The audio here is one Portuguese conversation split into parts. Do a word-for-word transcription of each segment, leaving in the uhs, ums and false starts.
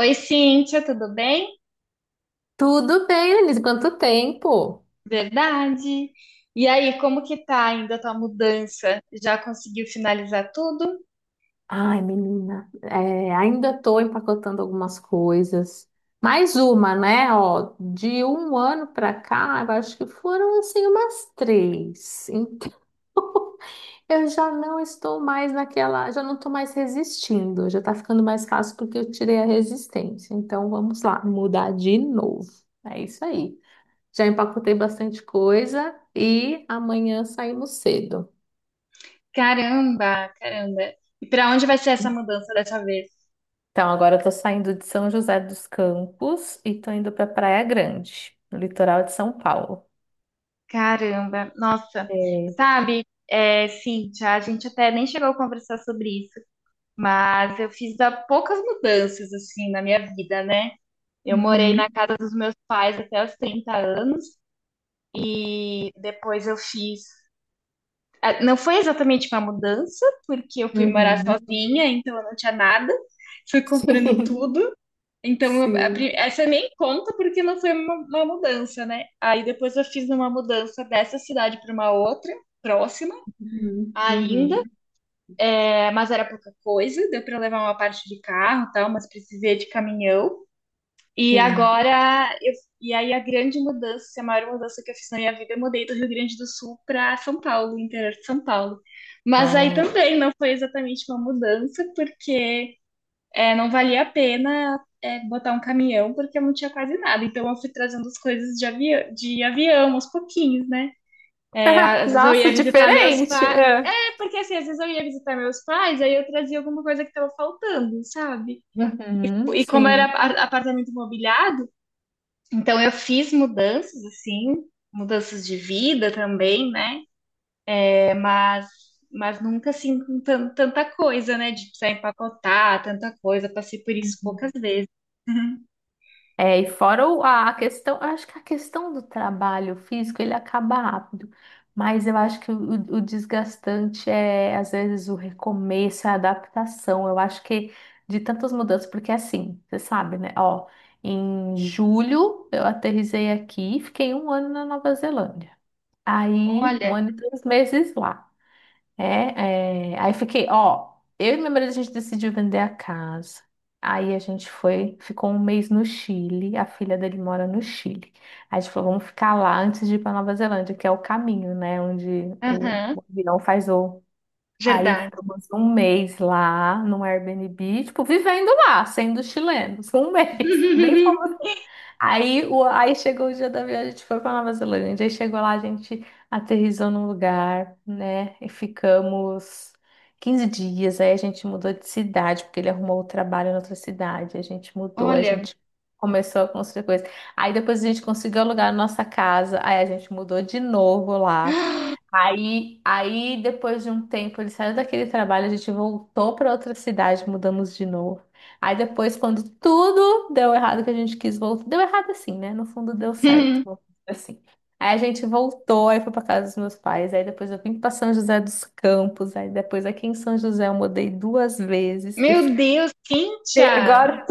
Oi, Cíntia, tudo bem? Tudo bem, Denise? Quanto tempo? Verdade. E aí, como que tá ainda a tua mudança? Já conseguiu finalizar tudo? Ai, menina, é, ainda estou empacotando algumas coisas. Mais uma, né? Ó, de um ano para cá, eu acho que foram assim umas três. Então, eu já não estou mais naquela, já não estou mais resistindo. Já está ficando mais fácil porque eu tirei a resistência. Então, vamos lá, mudar de novo. É isso aí. Já empacotei bastante coisa e amanhã saímos cedo. Caramba, caramba. E para onde vai ser essa mudança dessa vez? Então, agora eu tô saindo de São José dos Campos e tô indo pra Praia Grande, no litoral de São Paulo. Caramba, nossa. É. Sabe, é, Cíntia, a gente até nem chegou a conversar sobre isso, mas eu fiz há poucas mudanças, assim, na minha vida, né? Eu morei na Uhum. casa dos meus pais até os trinta anos. E depois eu fiz... Ah, não foi exatamente uma mudança, porque eu fui morar Uhum. sozinha, então eu não tinha nada. Fui comprando Sim, tudo. Então, a pri- sim. essa nem conta porque não foi uma, uma mudança, né? Aí depois eu fiz uma mudança dessa cidade para uma outra, próxima Uhum. Uhum. ainda, é, mas era pouca coisa. Deu para levar uma parte de carro, e tal, mas precisei de caminhão. E Sim. agora, eu, e aí a grande mudança, a maior mudança que eu fiz na minha vida, eu mudei do Rio Grande do Sul para São Paulo, interior de São Paulo. Mas aí Ah. também não foi exatamente uma mudança, porque é, não valia a pena é, botar um caminhão, porque eu não tinha quase nada. Então eu fui trazendo as coisas de, avi de avião, aos pouquinhos, né? É, às vezes eu ia Nossa, visitar meus diferente! pais. É. É porque assim, às vezes eu ia visitar meus pais, aí eu trazia alguma coisa que estava faltando, sabe? Uhum. E como era Sim. a- apartamento mobiliado, então eu fiz mudanças assim, mudanças de vida também, né? É, mas mas nunca assim com tan- tanta coisa, né? De precisar empacotar tanta coisa. Passei por isso poucas vezes. É, e fora o- a a questão, eu acho que a questão do trabalho físico, ele acaba rápido, mas eu acho que o, o desgastante é, às vezes, o recomeço, a adaptação, eu acho que de tantas mudanças, porque assim, você sabe, né, ó, em julho eu aterrisei aqui, e fiquei um ano na Nova Zelândia, aí um Olha, ano e três meses lá. É, é, aí fiquei, ó, eu e meu marido a gente decidiu vender a casa. Aí a gente foi, ficou um mês no Chile, a filha dele mora no Chile. Aí a gente falou, vamos ficar lá antes de ir para Nova Zelândia, que é o caminho, né, onde o, aham, o avião faz o. Aí verdade. ficamos um mês lá no Airbnb, tipo, vivendo lá, sendo chilenos, um mês. Nem fomos. Aí, o, aí chegou o dia da viagem, a gente foi para Nova Zelândia. Aí chegou lá, a gente aterrissou num lugar, né? E ficamos quinze dias. Aí a gente mudou de cidade, porque ele arrumou o trabalho em outra cidade. A gente mudou, aí a Olha, gente começou a construir coisa. Aí depois a gente conseguiu alugar a nossa casa. Aí a gente mudou de novo lá. Aí, aí depois de um tempo, ele saiu daquele trabalho, a gente voltou para outra cidade, mudamos de novo. Aí depois, quando tudo deu errado que a gente quis voltar, deu errado assim, né? No fundo deu certo, vamos dizer assim. Aí a gente voltou, aí foi pra casa dos meus pais, aí depois eu vim pra São José dos Campos, aí depois aqui em São José eu mudei duas vezes, que eu meu fiquei Deus, Cíntia! agora.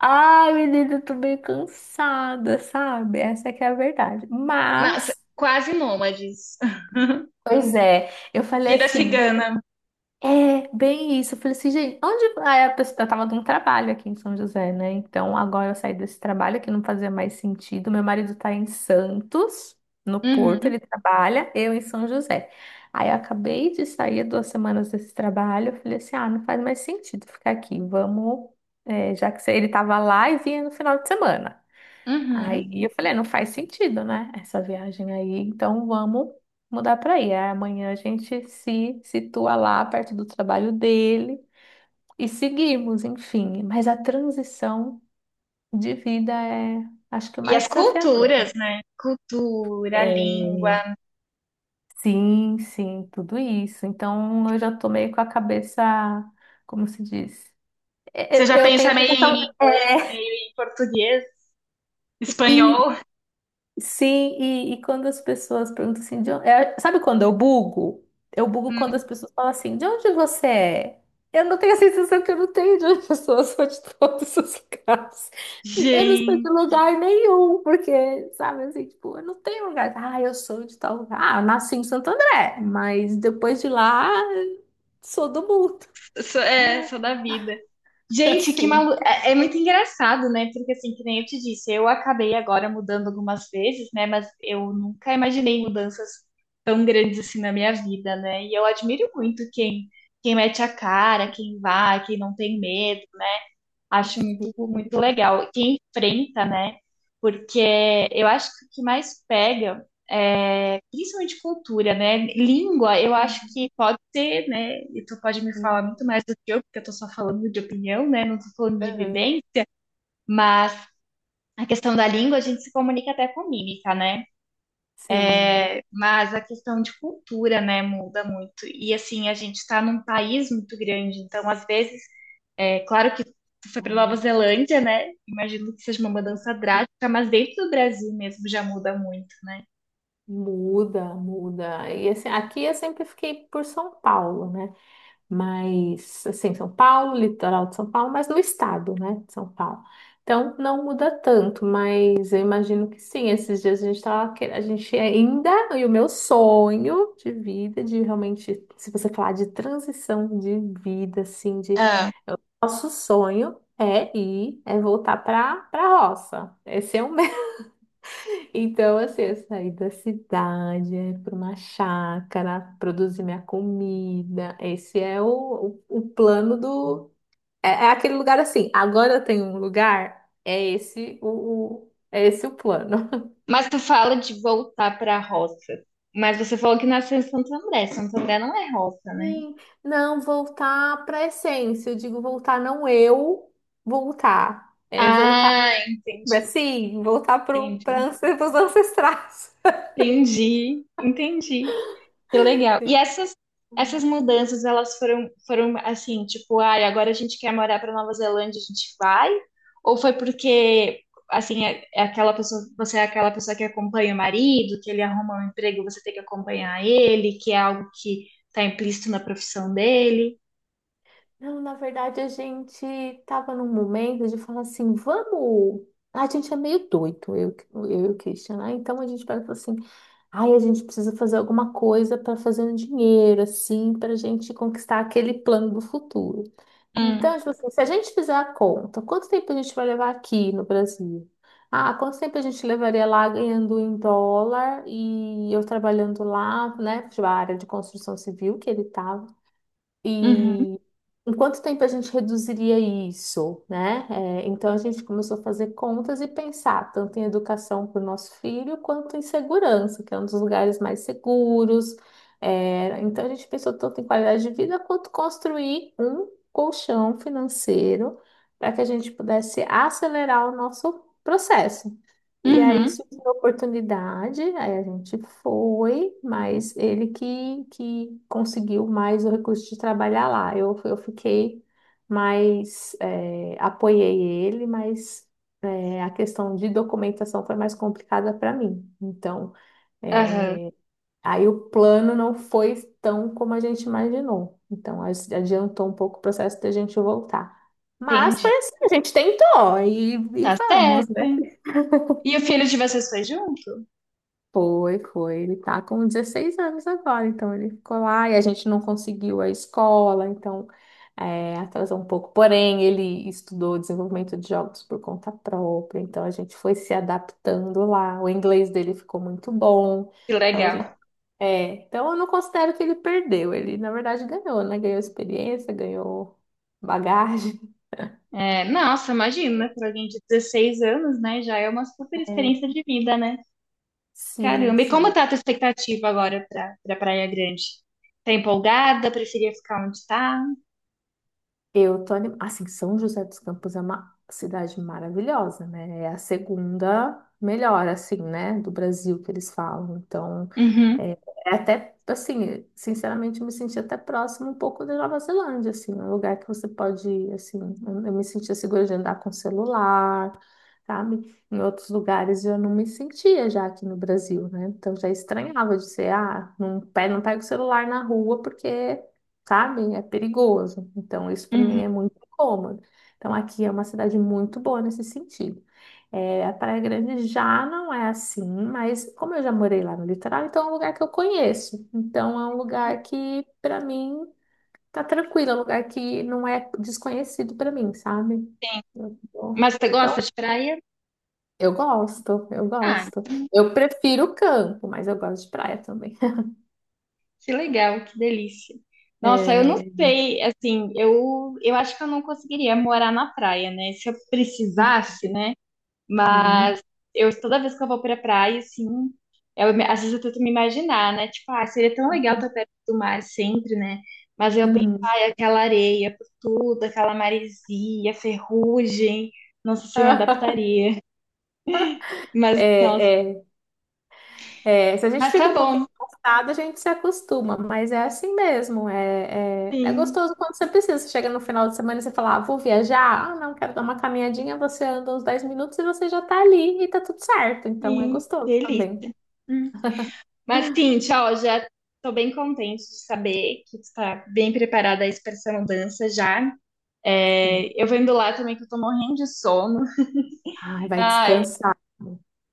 Ai, menina, eu tô meio cansada, sabe? Essa é que é a verdade. Nossa, Mas, quase nômades. pois é, eu falei Vida assim, cigana. é, bem isso. Eu falei assim, gente, onde. Aí a pessoa eu tava num trabalho aqui em São José, né? Então agora eu saí desse trabalho que não fazia mais sentido. Meu marido tá em Santos, no Porto, Uhum, ele trabalha, eu em São José. Aí eu acabei de sair duas semanas desse trabalho. Eu falei assim, ah, não faz mais sentido ficar aqui. Vamos, é, já que ele tava lá e vinha no final de semana. Aí uhum. eu falei, "É, não faz sentido, né? Essa viagem aí, então vamos mudar para aí." Aí amanhã a gente se situa lá perto do trabalho dele e seguimos, enfim. Mas a transição de vida é, acho que o E mais as culturas, desafiador. né? Cultura, É, língua. sim, sim, tudo isso. Então eu já tô meio com a cabeça, como se diz? Eu Você eu- já eu tenho a pensa meio em sensação. inglês, meio em português, espanhol? Sim, e, e quando as pessoas perguntam assim, de onde... é, sabe quando eu bugo? Eu bugo quando Hum. as pessoas falam assim, de onde você é? Eu não tenho a sensação, que eu não tenho de onde, as pessoas são de todos os lugares. Eu não sou Gente, de lugar nenhum, porque, sabe, assim, tipo, eu não tenho lugar. Ah, eu sou de tal lugar. Ah, eu nasci em Santo André, mas depois de lá, sou do mundo. sou, é, sou da vida. Gente, que Assim. malu... É, é muito engraçado, né? Porque assim, que nem eu te disse, eu acabei agora mudando algumas vezes, né? Mas eu nunca imaginei mudanças tão grandes assim na minha vida, né? E eu admiro muito quem, quem mete a cara, quem vai, quem não tem medo. Acho muito, Sim. muito legal. Quem enfrenta, né? Porque eu acho que o que mais pega é principalmente cultura, né? Língua, eu acho Uhum. que pode ser, né? E tu pode me falar muito mais do que eu, porque eu tô só falando de opinião, né? Não tô falando de Uhum. vivência, mas a questão da língua a gente se comunica até com mímica, né? Sim. Mas a questão de cultura, né, muda muito. E assim, a gente está num país muito grande, então às vezes é claro que tu foi para Nova É. Zelândia, né? Imagino que seja uma mudança drástica, mas dentro do Brasil mesmo já muda muito. Muda, muda. E assim, aqui eu sempre fiquei por São Paulo, né? Mas, assim, São Paulo, litoral de São Paulo, mas do estado, né? De São Paulo. Então, não muda tanto, mas eu imagino que sim. Esses dias a gente tava, que- a gente ainda, e o meu sonho de vida, de realmente, se você falar de transição de vida, assim, de Ah, nosso sonho é ir, é voltar para para roça. Esse é o, então, assim, eu saí da cidade, ir para uma chácara, produzir minha comida. Esse é o, o, o plano do. É, é aquele lugar assim. Agora eu tenho um lugar, é esse o, o- é esse o plano. mas tu fala de voltar para a roça. Mas você falou que nasceu em Santo André. Santo André não é roça, né? Sim, não, voltar para a essência. Eu digo voltar, não eu voltar. É voltar, Ah, entendi, sim, voltar para entendi, os ancestrais. entendi, entendi. Que legal. E essas, essas mudanças, elas foram, foram assim, tipo, ai, agora a gente quer morar para Nova Zelândia, a gente vai? Ou foi porque, assim, é, é aquela pessoa, você é aquela pessoa que acompanha o marido, que ele arruma um emprego, você tem que acompanhar ele, que é algo que está implícito na profissão dele? Não, na verdade, a gente estava num momento de falar assim, vamos. A gente é meio doido, eu, eu e o Christian, né? Então a gente pega e fala assim, ai, a gente precisa fazer alguma coisa para fazer um dinheiro, assim, para a gente conquistar aquele plano do futuro. Hum, Então, tipo assim, se a gente fizer a conta, quanto tempo a gente vai levar aqui no Brasil? Ah, quanto tempo a gente levaria lá ganhando em dólar e eu trabalhando lá, né? Tipo, a área de construção civil que ele estava. uhum, E em quanto tempo a gente reduziria isso, né? É, então a gente começou a fazer contas e pensar tanto em educação para o nosso filho quanto em segurança, que é um dos lugares mais seguros. É, então a gente pensou tanto em qualidade de vida quanto construir um colchão financeiro para que a gente pudesse acelerar o nosso processo. E aí uhum, surgiu a oportunidade, aí a gente foi, mas ele que, que conseguiu mais o recurso de trabalhar lá. Eu, eu fiquei mais, eh, apoiei ele, mas eh, a questão de documentação foi mais complicada para mim. Então, aham, eh, aí o plano não foi tão como a gente imaginou. Então, as- adiantou um pouco o processo da gente voltar. Mas foi entendi. assim, a gente tentou e, e Tá vamos, né? certo. E o filho de vocês foi junto? Foi, foi. Ele tá com dezesseis anos agora, então ele ficou lá e a gente não conseguiu a escola, então é, atrasou um pouco. Porém, ele estudou desenvolvimento de jogos por conta própria, então a gente foi se adaptando lá. O inglês dele ficou muito bom, Que então a gente. legal. É, então eu não considero que ele perdeu, ele na verdade ganhou, né? Ganhou experiência, ganhou bagagem. É, nossa, imagina, para alguém de dezesseis anos, né? Já é uma super É, experiência de vida, né? sim, Caramba, e como sim. tá a tua expectativa agora para pra Praia Grande? Tá empolgada? Preferia ficar onde tá? Eu tô anim... assim, São José dos Campos é uma cidade maravilhosa, né? É a segunda melhor, assim, né, do Brasil, que eles falam. Então, Uhum, é, é até assim, sinceramente, eu me senti até próximo um pouco da Nova Zelândia, assim, é um lugar que você pode ir, assim, eu eu me sentia segura de andar com celular, sabe? Em outros lugares eu não me sentia, já aqui no Brasil, né? Então já estranhava de ser, ah, não, pe- não pega o celular na rua porque, sabe? É perigoso. Então, isso para mim uhum. é muito incômodo. Então, aqui é uma cidade muito boa nesse sentido. É, a Praia Grande já não é assim, mas como eu já morei lá no litoral, então é um lugar que eu conheço. Então, é um lugar que, para mim, tá tranquilo, é um lugar que não é desconhecido para mim, sabe? Eu tô- Mas você Então, gosta de praia? eu gosto, eu Ah, gosto. Eu prefiro o campo, mas eu gosto de praia também. que legal, que delícia. Nossa, eu não É... sei, assim, eu, eu acho que eu não conseguiria morar na praia, né? Se eu precisasse, né? uhum, Eu toda vez que eu vou pra praia, assim, eu, me- às vezes eu tento me imaginar, né? Tipo, ah, seria tão legal estar perto do mar sempre, né? Mas eu penso, uhum. ai, aquela areia por tudo, aquela maresia, ferrugem, não sei se eu me adaptaria. Mas, nossa, É, é, é, se a gente mas tá fica um pouquinho bom, cansado, a gente se acostuma, mas é assim mesmo. É, é, é sim, gostoso quando você precisa. Você chega no final de semana e você fala, ah, vou viajar, ah, não, quero dar uma caminhadinha. Você anda uns dez minutos e você já tá ali e tá tudo certo. Então é sim, gostoso delícia. também. Hum. Mas, sim, tchau, já tô bem contente de saber que tu tá bem preparada aí pra essa mudança já. Sim. É, eu vendo lá também que eu tô morrendo de sono. Ai, vai Ah, descansar.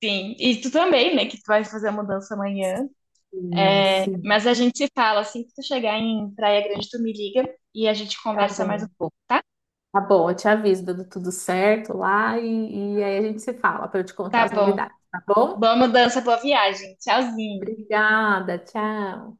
sim, e tu também, né, que tu vai fazer a mudança amanhã. Sim, sim. Mas a gente se fala, assim que tu chegar em Praia Grande, tu me liga e a gente Tá conversa mais um bom. pouco, tá? Tá bom, eu te aviso dando tudo certo lá e, e aí a gente se fala para eu te contar Tá as bom. novidades, tá bom? Boa mudança, boa viagem. Tchauzinho. Obrigada, tchau.